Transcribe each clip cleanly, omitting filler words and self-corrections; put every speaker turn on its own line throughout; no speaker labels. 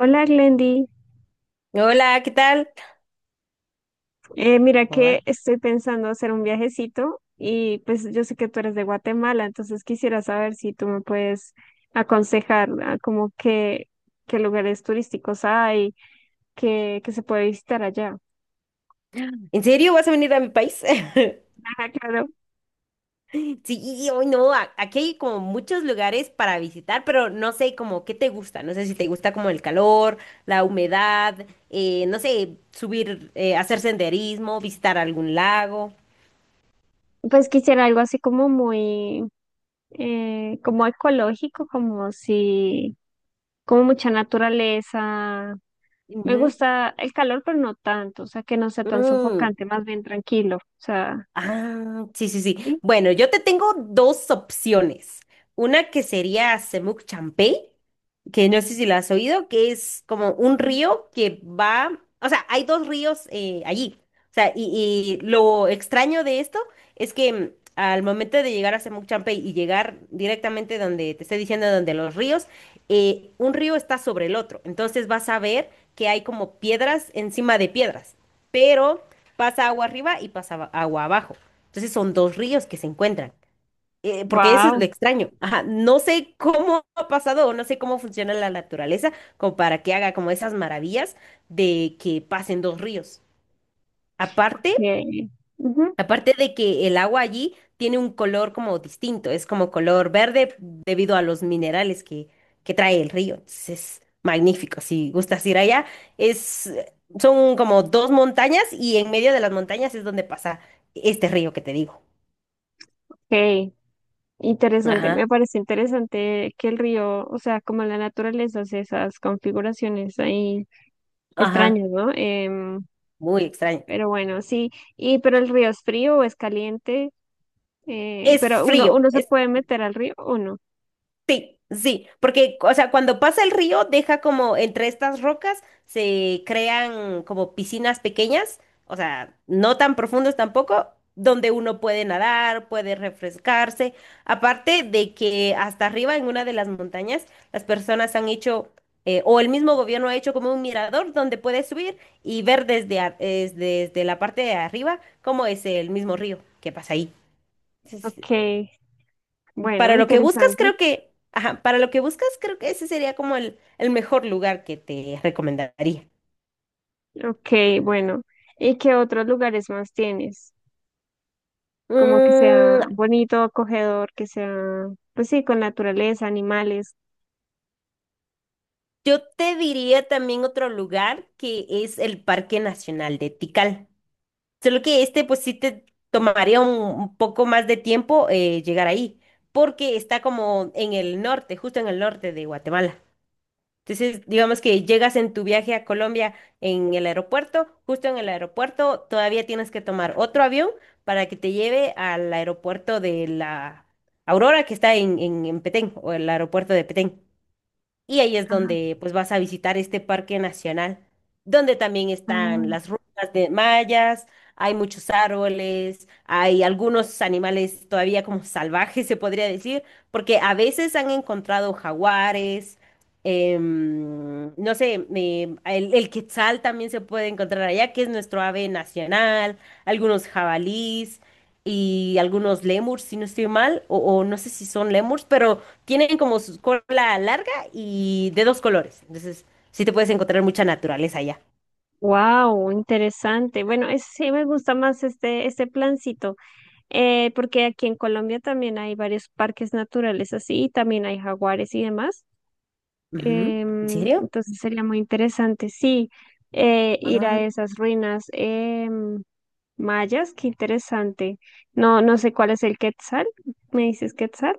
Hola Glendy.
Hola, ¿qué tal?
Mira
Hola.
que estoy pensando hacer un viajecito y pues yo sé que tú eres de Guatemala, entonces quisiera saber si tú me puedes aconsejar, como que qué lugares turísticos hay, que se puede visitar allá.
¿En serio vas a venir a mi país?
Ajá, claro.
Sí, hoy no, aquí hay como muchos lugares para visitar, pero no sé como qué te gusta, no sé si te gusta como el calor, la humedad, no sé, subir, hacer senderismo, visitar algún lago.
Pues quisiera algo así como muy, como ecológico, como si, como mucha naturaleza. Me
Ujú.
gusta el calor, pero no tanto, o sea, que no sea tan
Mm,
sofocante, más bien tranquilo, o sea,
Ah, sí, sí, sí.
¿sí?
Bueno, yo te tengo dos opciones. Una que sería Semuc Champey, que no sé si la has oído, que es como un río que va, o sea, hay dos ríos allí. O sea, y lo extraño de esto es que al momento de llegar a Semuc Champey y llegar directamente donde te estoy diciendo, donde los ríos, un río está sobre el otro. Entonces vas a ver que hay como piedras encima de piedras, pero pasa agua arriba y pasa agua abajo. Entonces son dos ríos que se encuentran. Porque eso es lo
Wow,
extraño. Ajá, no sé cómo ha pasado o no sé cómo funciona la naturaleza como para que haga como esas maravillas de que pasen dos ríos. Aparte,
qué, ujú,
aparte de que el agua allí tiene un color como distinto, es como color verde debido a los minerales que trae el río. Entonces es magnífico. Si gustas ir allá, es, son como dos montañas y en medio de las montañas es donde pasa este río que te digo.
qué interesante.
Ajá,
Me parece interesante que el río, o sea, como la naturaleza hace esas configuraciones ahí
ajá,
extrañas, ¿no?
muy extraño.
Pero bueno, sí. Y pero el río es frío o es caliente,
Es
pero
frío,
uno se
es
puede meter al río o no.
sí, sí, porque, o sea, cuando pasa el río, deja como entre estas rocas, se crean como piscinas pequeñas, o sea, no tan profundas tampoco, donde uno puede nadar, puede refrescarse. Aparte de que hasta arriba en una de las montañas, las personas han hecho, o el mismo gobierno ha hecho como un mirador donde puedes subir y ver desde, desde la parte de arriba cómo es el mismo río que pasa ahí.
Okay, bueno,
Para lo que buscas,
interesante.
creo que, ajá, para lo que buscas, creo que ese sería como el mejor lugar que te recomendaría.
Okay, bueno. ¿Y qué otros lugares más tienes? Como que sea
Mm,
bonito, acogedor, que sea, pues sí, con naturaleza, animales.
yo te diría también otro lugar que es el Parque Nacional de Tikal. Solo que este, pues sí te tomaría un poco más de tiempo llegar ahí, porque está como en el norte, justo en el norte de Guatemala. Entonces, digamos que llegas en tu viaje a Colombia en el aeropuerto, justo en el aeropuerto, todavía tienes que tomar otro avión para que te lleve al aeropuerto de la Aurora que está en Petén o el aeropuerto de Petén. Y ahí es donde pues vas a visitar este parque nacional, donde también están las ruinas de mayas, hay muchos árboles, hay algunos animales todavía como salvajes, se podría decir, porque a veces han encontrado jaguares, no sé, el quetzal también se puede encontrar allá, que es nuestro ave nacional, algunos jabalís y algunos lémurs, si no estoy mal, o no sé si son lémurs, pero tienen como su cola larga y de dos colores. Entonces, sí te puedes encontrar mucha naturaleza allá.
Wow, interesante. Bueno, sí me gusta más este plancito, porque aquí en Colombia también hay varios parques naturales así, y también hay jaguares y demás.
Ujú. ¿En serio?
Entonces sería muy interesante, sí, ir
Ah.
a esas ruinas, em, mayas, qué interesante. No, no sé cuál es el Quetzal, ¿me dices Quetzal?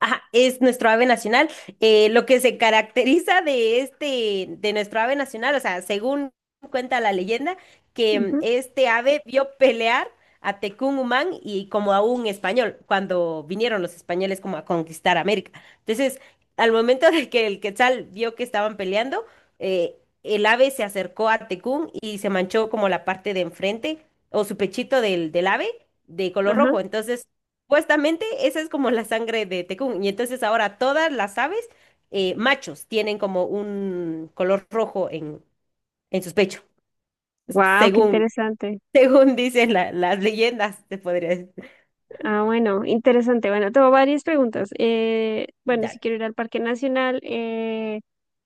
Ajá, es nuestro ave nacional. Lo que se caracteriza de este, de nuestro ave nacional, o sea, según cuenta la leyenda, que
Ujú.
este ave vio pelear a Humán y como a un español, cuando vinieron los españoles como a conquistar América. Entonces, al momento de que el Quetzal vio que estaban peleando, eh, el ave se acercó a Tecún y se manchó como la parte de enfrente o su pechito del ave de color
Ajá.
rojo. Entonces, supuestamente esa es como la sangre de Tekún. Y entonces ahora todas las aves, machos, tienen como un color rojo en sus pechos,
Wow, qué
según,
interesante.
según dicen las leyendas, te podría decir.
Ah, bueno, interesante. Bueno, tengo varias preguntas. Bueno, si
Dale.
quiero ir al Parque Nacional,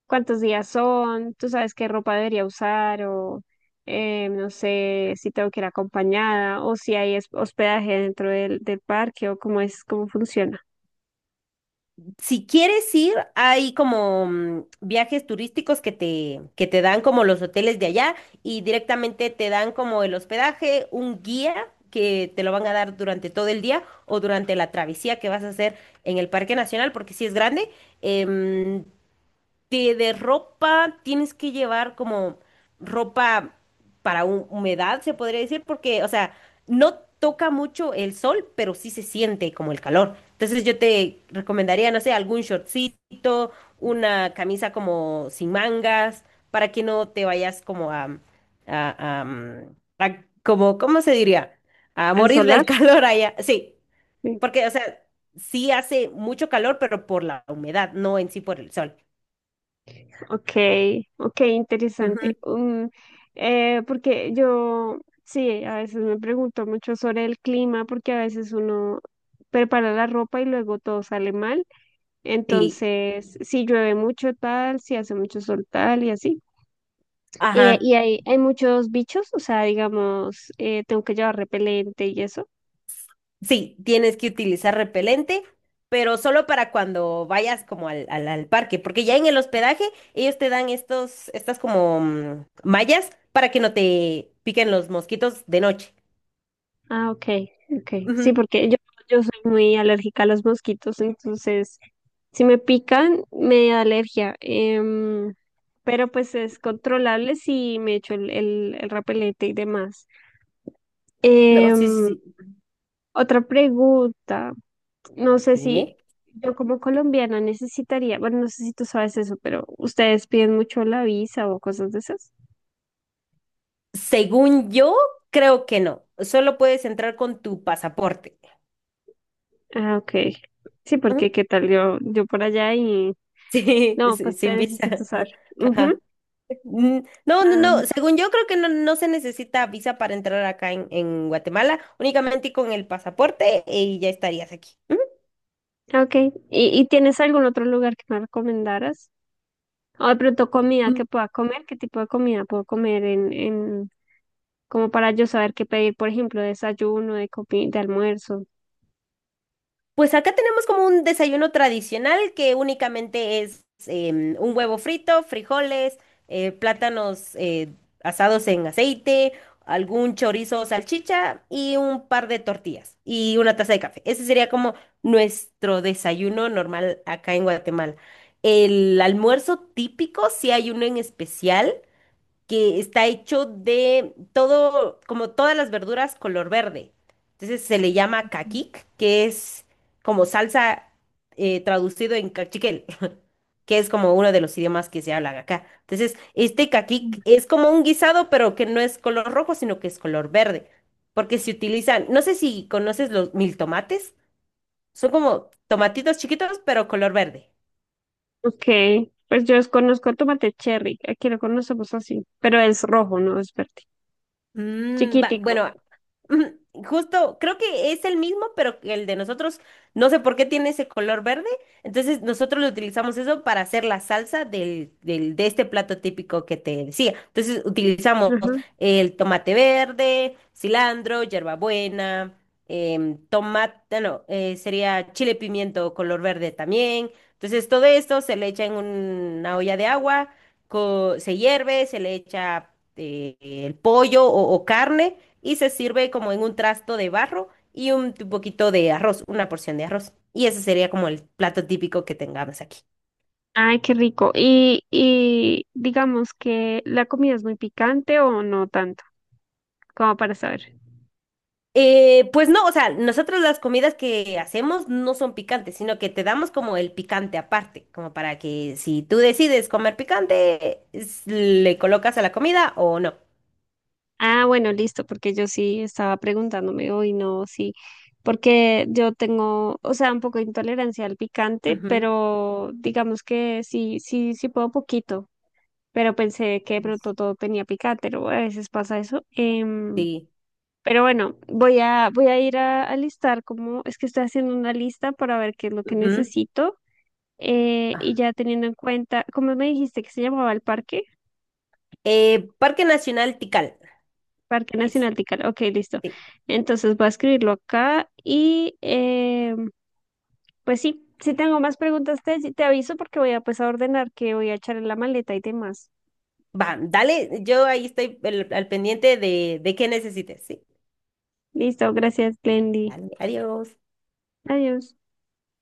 ¿cuántos días son? ¿Tú sabes qué ropa debería usar? O no sé si tengo que ir acompañada o si hay hospedaje dentro del parque o cómo es, cómo funciona.
Si quieres ir, hay como viajes turísticos que te dan como los hoteles de allá y directamente te dan como el hospedaje, un guía que te lo van a dar durante todo el día o durante la travesía que vas a hacer en el Parque Nacional, porque si es grande. em, de ropa tienes que llevar como ropa para humedad, se podría decir, porque, o sea, no toca mucho el sol, pero sí se siente como el calor. Entonces yo te recomendaría, no sé, algún shortcito, una camisa como sin mangas, para que no te vayas como a, a como, ¿cómo se diría? A
¿En
morir
solar?
del calor allá. Sí,
Sí.
porque, o sea, sí hace mucho calor, pero por la humedad, no en sí por el sol.
Ok, ok, interesante. Porque yo, sí, a veces me pregunto mucho sobre el clima porque a veces uno prepara la ropa y luego todo sale mal.
Sí,
Entonces, si llueve mucho tal, si hace mucho sol tal y así.
ajá.
Y hay muchos bichos, o sea, digamos, tengo que llevar repelente y eso.
Sí, tienes que utilizar repelente, pero solo para cuando vayas como al parque, porque ya en el hospedaje ellos te dan estas como mallas para que no te piquen los mosquitos de noche.
Ah, ok, ok. Sí,
Ujú.
yo soy muy alérgica a los mosquitos, entonces, si me pican, me da alergia. Em, pero pues es controlable si me echo el repelente y demás.
No, sí, sí,
Em.
sí.
Otra pregunta, no sé si
Dime.
yo como colombiana necesitaría, bueno, no sé si tú sabes eso, pero ¿ustedes piden mucho la visa o cosas de esas?
Según yo, creo que no. Solo puedes entrar con tu pasaporte.
Ah, ok. Sí, porque
Ujú.
qué tal yo por allá y...
Sí,
No,
sí,
pues te
sin visa.
necesito usar. Ujú.
Ajá. Mm, no, no, no. Según yo creo que no, no se necesita visa para entrar acá en Guatemala, únicamente con el pasaporte y ya estarías aquí.
Ah, ok. Y tienes algún otro lugar que me recomendaras? O de pronto comida
Ujú.
que pueda comer, ¿qué tipo de comida puedo comer como para yo saber qué pedir, por ejemplo, desayuno, de almuerzo?
Pues acá tenemos como un desayuno tradicional que únicamente es un huevo frito, frijoles, plátanos asados en aceite, algún chorizo o salchicha y un par de tortillas y una taza de café. Ese sería como nuestro desayuno normal acá en Guatemala. El almuerzo típico, si hay uno en especial, que está hecho de todo, como todas las verduras color verde. Entonces se le llama caquic, que es como salsa traducido en cachiquel, que es como uno de los idiomas que se habla acá. Entonces, este caquic es como un guisado, pero que no es color rojo, sino que es color verde. Porque se utilizan, no sé si conoces los mil tomates, son como tomatitos chiquitos, pero color verde.
Ok, pues yo conozco tomate cherry, aquí lo conocemos así, pero es rojo, no es verde.
Mm,
Chiquitico.
bueno, mm, justo creo que es el mismo, pero que el de nosotros, no sé por qué tiene ese color verde. Entonces nosotros lo utilizamos eso para hacer la salsa de este plato típico que te decía. Entonces utilizamos
Ajá.
el tomate verde, cilantro, hierbabuena, em, tomate, no, sería chile pimiento color verde también. Entonces todo esto se le echa en una olla de agua, se hierve, se le echa el pollo o carne y se sirve como en un trasto de barro y un poquito de arroz, una porción de arroz. Y ese sería como el plato típico que tengamos aquí.
Ay, qué rico. Y digamos que la comida es muy picante o no tanto, como para saber.
Pues no, o sea, nosotros las comidas que hacemos no son picantes, sino que te damos como el picante aparte, como para que si tú decides comer picante, le colocas a la comida o no.
Ah, bueno, listo, porque yo sí estaba preguntándome hoy, no, sí, porque yo tengo, o sea, un poco de intolerancia al picante,
Ujú.
pero digamos que sí, sí, sí puedo poquito. Pero pensé que de pronto todo tenía picante, ¿no? A veces pasa eso. Em,
Sí.
pero bueno, voy a ir a listar como es que estoy haciendo una lista para ver qué es lo que
Ujú.
necesito. Eh,
Ah.
y ya teniendo en cuenta, ¿cómo me dijiste que se llamaba el parque?
Parque Nacional Tikal.
Parque
Es.
Nacional Tical. Ok, listo.
Sí.
Entonces voy a escribirlo acá y em, pues sí, si tengo más preguntas te aviso porque voy a pues a ordenar que voy a echar en la maleta y demás.
Va, dale, yo ahí estoy al pendiente de qué necesites, ¿sí?
Listo, gracias, Glendy.
Dale, adiós.
Adiós.